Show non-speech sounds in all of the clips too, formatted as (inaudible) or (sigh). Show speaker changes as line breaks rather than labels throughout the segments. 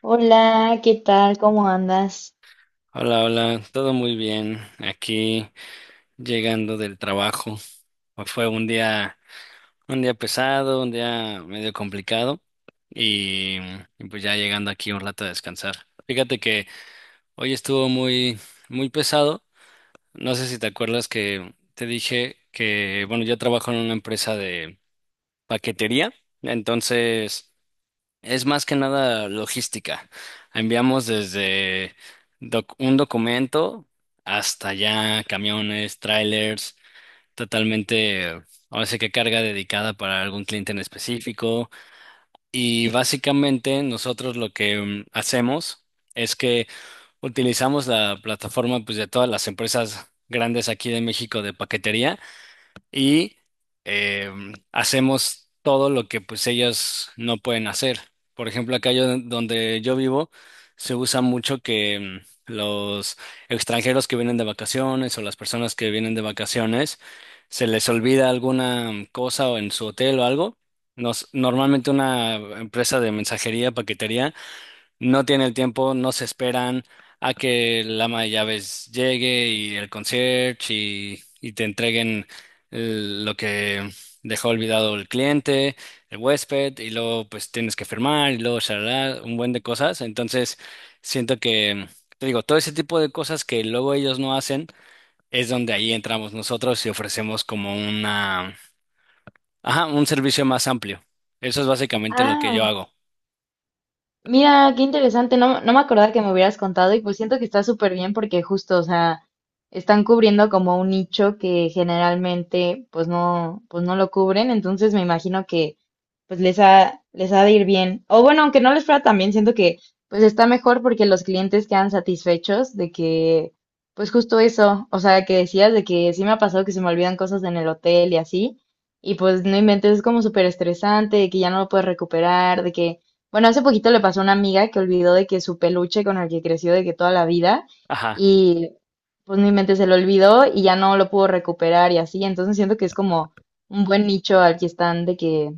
Hola, ¿qué tal? ¿Cómo andas?
Hola, hola, todo muy bien. Aquí llegando del trabajo. Fue un día pesado, un día medio complicado y, y pues ya llegando aquí un rato a descansar. Fíjate que hoy estuvo muy, muy pesado. No sé si te acuerdas que te dije que, bueno, yo trabajo en una empresa de paquetería, entonces es más que nada logística. Enviamos desde un documento hasta ya camiones, trailers, totalmente, ahora sí que carga dedicada para algún cliente en específico. Y básicamente nosotros lo que hacemos es que utilizamos la plataforma, pues, de todas las empresas grandes aquí de México de paquetería y eh, hacemos todo lo que pues ellas no pueden hacer. Por ejemplo, acá yo, donde yo vivo se usa mucho que los extranjeros que vienen de vacaciones o las personas que vienen de vacaciones se les olvida alguna cosa o en su hotel o algo. Normalmente una empresa de mensajería, paquetería no tiene el tiempo, no se esperan a que el ama de llaves llegue y el concierge y te entreguen lo que dejó olvidado el cliente, el huésped, y luego pues tienes que firmar y luego shalala, un buen de cosas. Entonces, siento que, te digo, todo ese tipo de cosas que luego ellos no hacen es donde ahí entramos nosotros y ofrecemos como una, ajá, un servicio más amplio. Eso es básicamente lo que yo
Ah,
hago.
mira, qué interesante. No, no me acordaba que me hubieras contado y pues siento que está súper bien porque justo, o sea, están cubriendo como un nicho que generalmente pues no lo cubren. Entonces me imagino que pues les ha de ir bien. O bueno, aunque no les fuera tan bien, siento que pues está mejor porque los clientes quedan satisfechos de que, pues justo eso, o sea, que decías de que sí me ha pasado que se me olvidan cosas en el hotel y así, y pues no inventes, es como súper estresante, de que ya no lo puedes recuperar, de que, bueno, hace poquito le pasó a una amiga que olvidó de que su peluche con el que creció de que toda la vida,
Ajá.
y pues no inventes, se lo olvidó y ya no lo pudo recuperar y así, entonces siento que es como un buen nicho al que están de que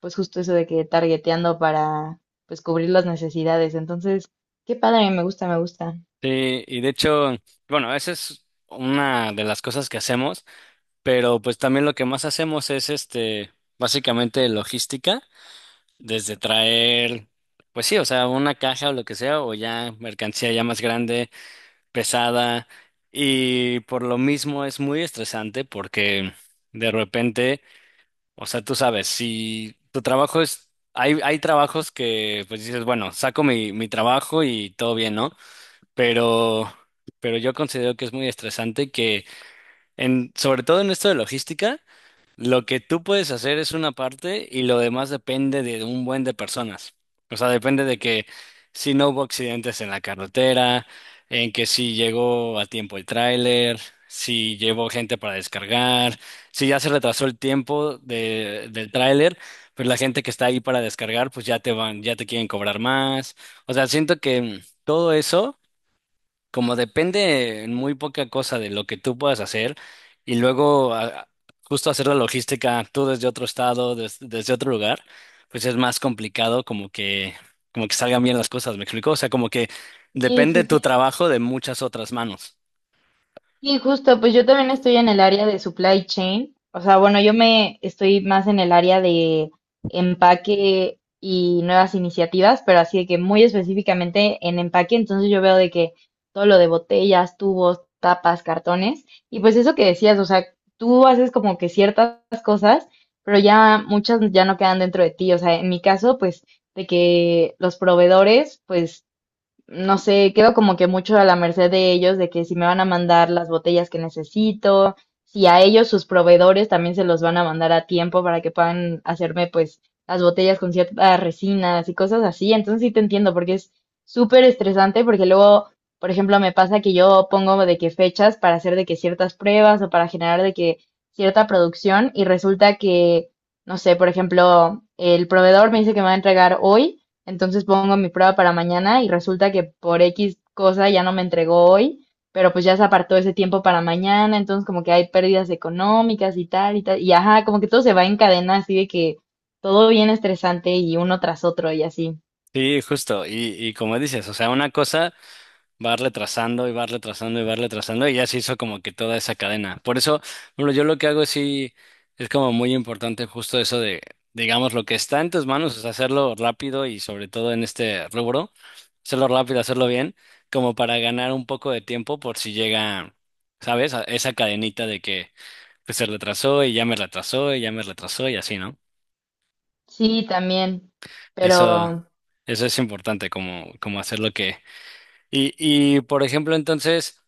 pues justo eso de que targeteando para pues cubrir las necesidades. Entonces, qué padre, me gusta, me gusta.
Sí, y de hecho, bueno, esa es una de las cosas que hacemos, pero pues también lo que más hacemos es este, básicamente logística, desde traer, pues sí, o sea, una caja o lo que sea, o ya mercancía ya más grande, pesada, y por lo mismo es muy estresante porque de repente, o sea, tú sabes, si tu trabajo es, hay trabajos que pues dices, bueno, saco mi trabajo y todo bien, ¿no? pero, pero yo considero que es muy estresante que, sobre todo en esto de logística, lo que tú puedes hacer es una parte y lo demás depende de un buen de personas. O sea, depende de que si no hubo accidentes en la carretera, en que si llegó a tiempo el tráiler, si llevó gente para descargar, si ya se retrasó el tiempo de, del tráiler, pues la gente que está ahí para descargar, pues ya te van, ya te quieren cobrar más. O sea, siento que todo eso como depende en muy poca cosa de lo que tú puedas hacer y luego justo hacer la logística tú desde otro estado, desde otro lugar, pues es más complicado, como que salgan bien las cosas, ¿me explico? O sea, como que
Sí,
depende
sí,
tu
sí.
trabajo de muchas otras manos.
Y justo, pues yo también estoy en el área de supply chain. O sea, bueno, yo me estoy más en el área de empaque y nuevas iniciativas, pero así de que muy específicamente en empaque, entonces yo veo de que todo lo de botellas, tubos, tapas, cartones, y pues eso que decías, o sea, tú haces como que ciertas cosas, pero ya muchas ya no quedan dentro de ti. O sea, en mi caso, pues de que los proveedores, pues no sé, quedo como que mucho a la merced de ellos, de que si me van a mandar las botellas que necesito, si a ellos sus proveedores también se los van a mandar a tiempo para que puedan hacerme pues las botellas con ciertas resinas y cosas así. Entonces sí te entiendo porque es súper estresante porque luego, por ejemplo, me pasa que yo pongo de que fechas para hacer de que ciertas pruebas o para generar de que cierta producción y resulta que, no sé, por ejemplo, el proveedor me dice que me va a entregar hoy entonces pongo mi prueba para mañana y resulta que por X cosa ya no me entregó hoy, pero pues ya se apartó ese tiempo para mañana, entonces como que hay pérdidas económicas y tal y tal. Y ajá, como que todo se va en cadena, así de que todo bien estresante y uno tras otro y así.
Sí, justo. Y como dices, o sea, una cosa va retrasando y va retrasando y va retrasando y ya se hizo como que toda esa cadena. Por eso, bueno, yo lo que hago sí es como muy importante justo eso de, digamos, lo que está en tus manos, es hacerlo rápido y sobre todo en este rubro, hacerlo rápido, hacerlo bien, como para ganar un poco de tiempo por si llega, ¿sabes? A esa cadenita de que pues se retrasó y ya me retrasó y ya me retrasó y así, ¿no?
Sí, también.
Eso,
Pero
eso es importante, como, como hacer lo que. Y, y por ejemplo, entonces,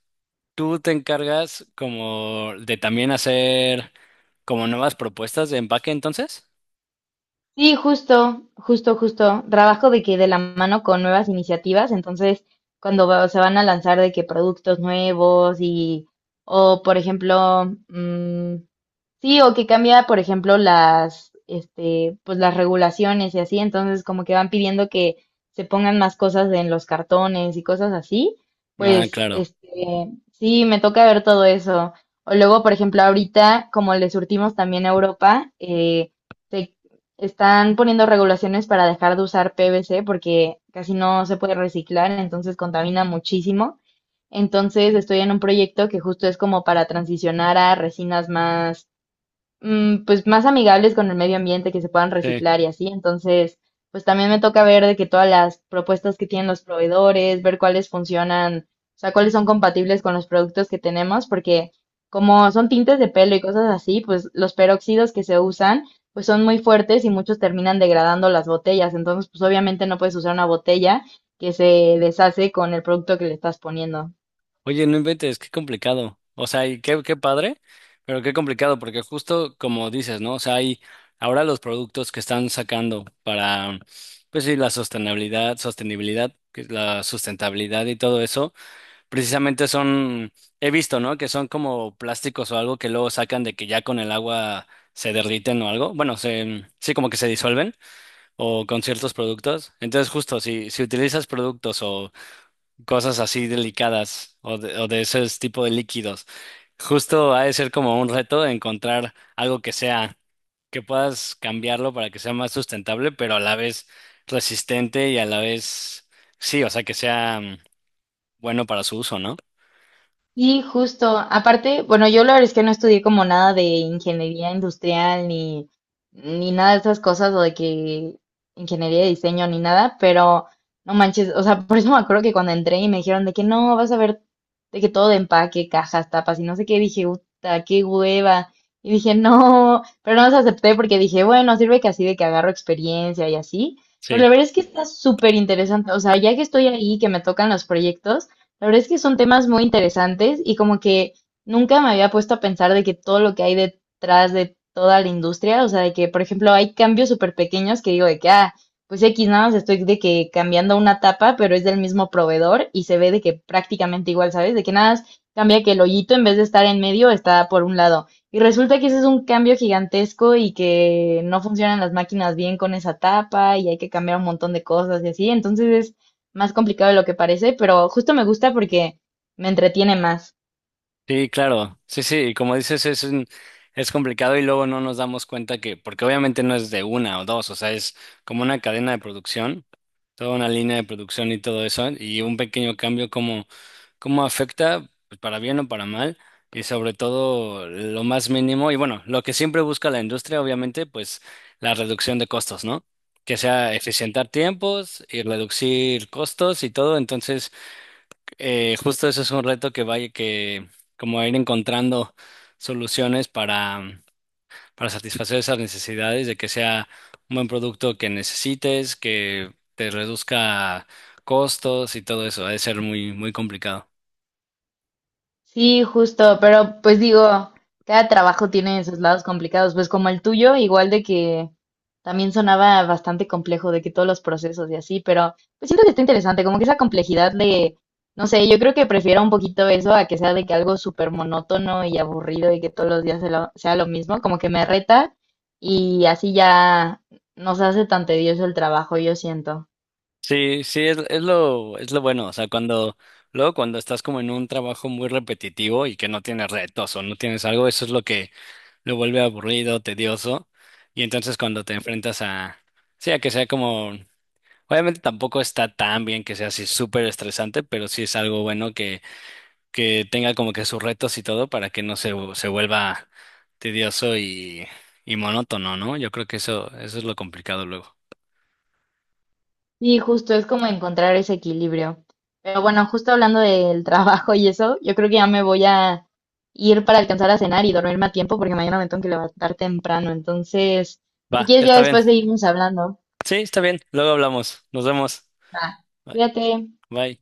tú te encargas como de también hacer como nuevas propuestas de empaque, entonces.
sí, justo. Trabajo de que de la mano con nuevas iniciativas, entonces cuando se van a lanzar de que productos nuevos y, o por ejemplo, sí, o que cambia, por ejemplo, las, este, pues las regulaciones y así, entonces como que van pidiendo que se pongan más cosas en los cartones y cosas así,
Ah,
pues,
claro.
este, sí, me toca ver todo eso. O luego, por ejemplo, ahorita, como le surtimos también a Europa, se están poniendo regulaciones para dejar de usar PVC porque casi no se puede reciclar, entonces contamina muchísimo. Entonces estoy en un proyecto que justo es como para transicionar a resinas más pues más amigables con el medio ambiente, que se puedan
Sí.
reciclar y así. Entonces, pues también me toca ver de que todas las propuestas que tienen los proveedores, ver cuáles funcionan, o sea, cuáles son compatibles con los productos que tenemos, porque como son tintes de pelo y cosas así, pues los peróxidos que se usan, pues son muy fuertes y muchos terminan degradando las botellas. Entonces, pues obviamente no puedes usar una botella que se deshace con el producto que le estás poniendo.
Oye, no inventes, qué complicado. O sea, y qué, qué padre, pero qué complicado, porque justo como dices, ¿no? O sea, hay ahora los productos que están sacando para, pues sí, la sostenibilidad, sostenibilidad, que es la sustentabilidad y todo eso. Precisamente son, he visto, ¿no? Que son como plásticos o algo que luego sacan de que ya con el agua se derriten o algo. Bueno, sí, como que se disuelven o con ciertos productos. Entonces, justo si utilizas productos o cosas así delicadas o o de ese tipo de líquidos, justo ha de ser como un reto encontrar algo que sea, que puedas cambiarlo para que sea más sustentable, pero a la vez resistente y a la vez, sí, o sea, que sea bueno para su uso, ¿no?
Y justo. Aparte, bueno, yo la verdad es que no estudié como nada de ingeniería industrial ni, ni nada de esas cosas o de que ingeniería de diseño ni nada, pero no manches, o sea, (laughs) por eso me acuerdo que cuando entré y me dijeron de que no, vas a ver de que todo de empaque, cajas, tapas y no sé qué, dije, puta, qué hueva. Y dije, no, pero no los acepté porque dije, bueno, sirve que así de que agarro experiencia y así. Pero la
Sí.
verdad es que está súper interesante. O sea, ya que estoy ahí, que me tocan los proyectos, la verdad es que son temas muy interesantes y como que nunca me había puesto a pensar de que todo lo que hay detrás de toda la industria, o sea, de que, por ejemplo, hay cambios súper pequeños que digo de que, ah, pues X nada más estoy de que cambiando una tapa, pero es del mismo proveedor y se ve de que prácticamente igual, ¿sabes? De que nada más cambia que el hoyito en vez de estar en medio está por un lado. Y resulta que ese es un cambio gigantesco y que no funcionan las máquinas bien con esa tapa y hay que cambiar un montón de cosas y así. Entonces es más complicado de lo que parece, pero justo me gusta porque me entretiene más.
Sí, claro. Sí, sí, y como dices, es complicado y luego no nos damos cuenta que, porque obviamente no es de una o dos, o sea, es como una cadena de producción, toda una línea de producción y todo eso, y un pequeño cambio, como, cómo afecta, pues, para bien o para mal, y sobre todo lo más mínimo, y bueno, lo que siempre busca la industria, obviamente, pues la reducción de costos, ¿no? Que sea eficientar tiempos y reducir costos y todo, entonces. Justo eso es un reto, que vaya que como ir encontrando soluciones para satisfacer esas necesidades, de que sea un buen producto que necesites, que te reduzca costos y todo eso. Ha de ser muy, muy complicado.
Sí, justo, pero pues digo, cada trabajo tiene sus lados complicados, pues como el tuyo, igual de que también sonaba bastante complejo, de que todos los procesos y así, pero pues siento que está interesante, como que esa complejidad de, no sé, yo creo que prefiero un poquito eso a que sea de que algo súper monótono y aburrido y que todos los días sea lo mismo, como que me reta y así ya no se hace tan tedioso el trabajo, yo siento.
Sí, sí, es lo bueno. O sea, cuando, luego cuando estás como en un trabajo muy repetitivo y que no tienes retos o no tienes algo, eso es lo que lo vuelve aburrido, tedioso. Y entonces cuando te enfrentas a, sí, a que sea como. Obviamente tampoco está tan bien que sea así súper estresante, pero sí es algo bueno que tenga como que sus retos y todo para que no se vuelva tedioso y monótono, ¿no? Yo creo que eso es lo complicado luego.
Sí, justo es como encontrar ese equilibrio. Pero bueno, justo hablando del (laughs) trabajo y eso, yo creo que ya me voy a ir para alcanzar a cenar y dormirme a tiempo porque mañana me tengo que levantar temprano. Entonces, si
Va,
quieres ya
está bien.
después seguimos hablando.
Sí, está bien. Luego hablamos. Nos vemos.
Va,
Bye.
cuídate.
Bye.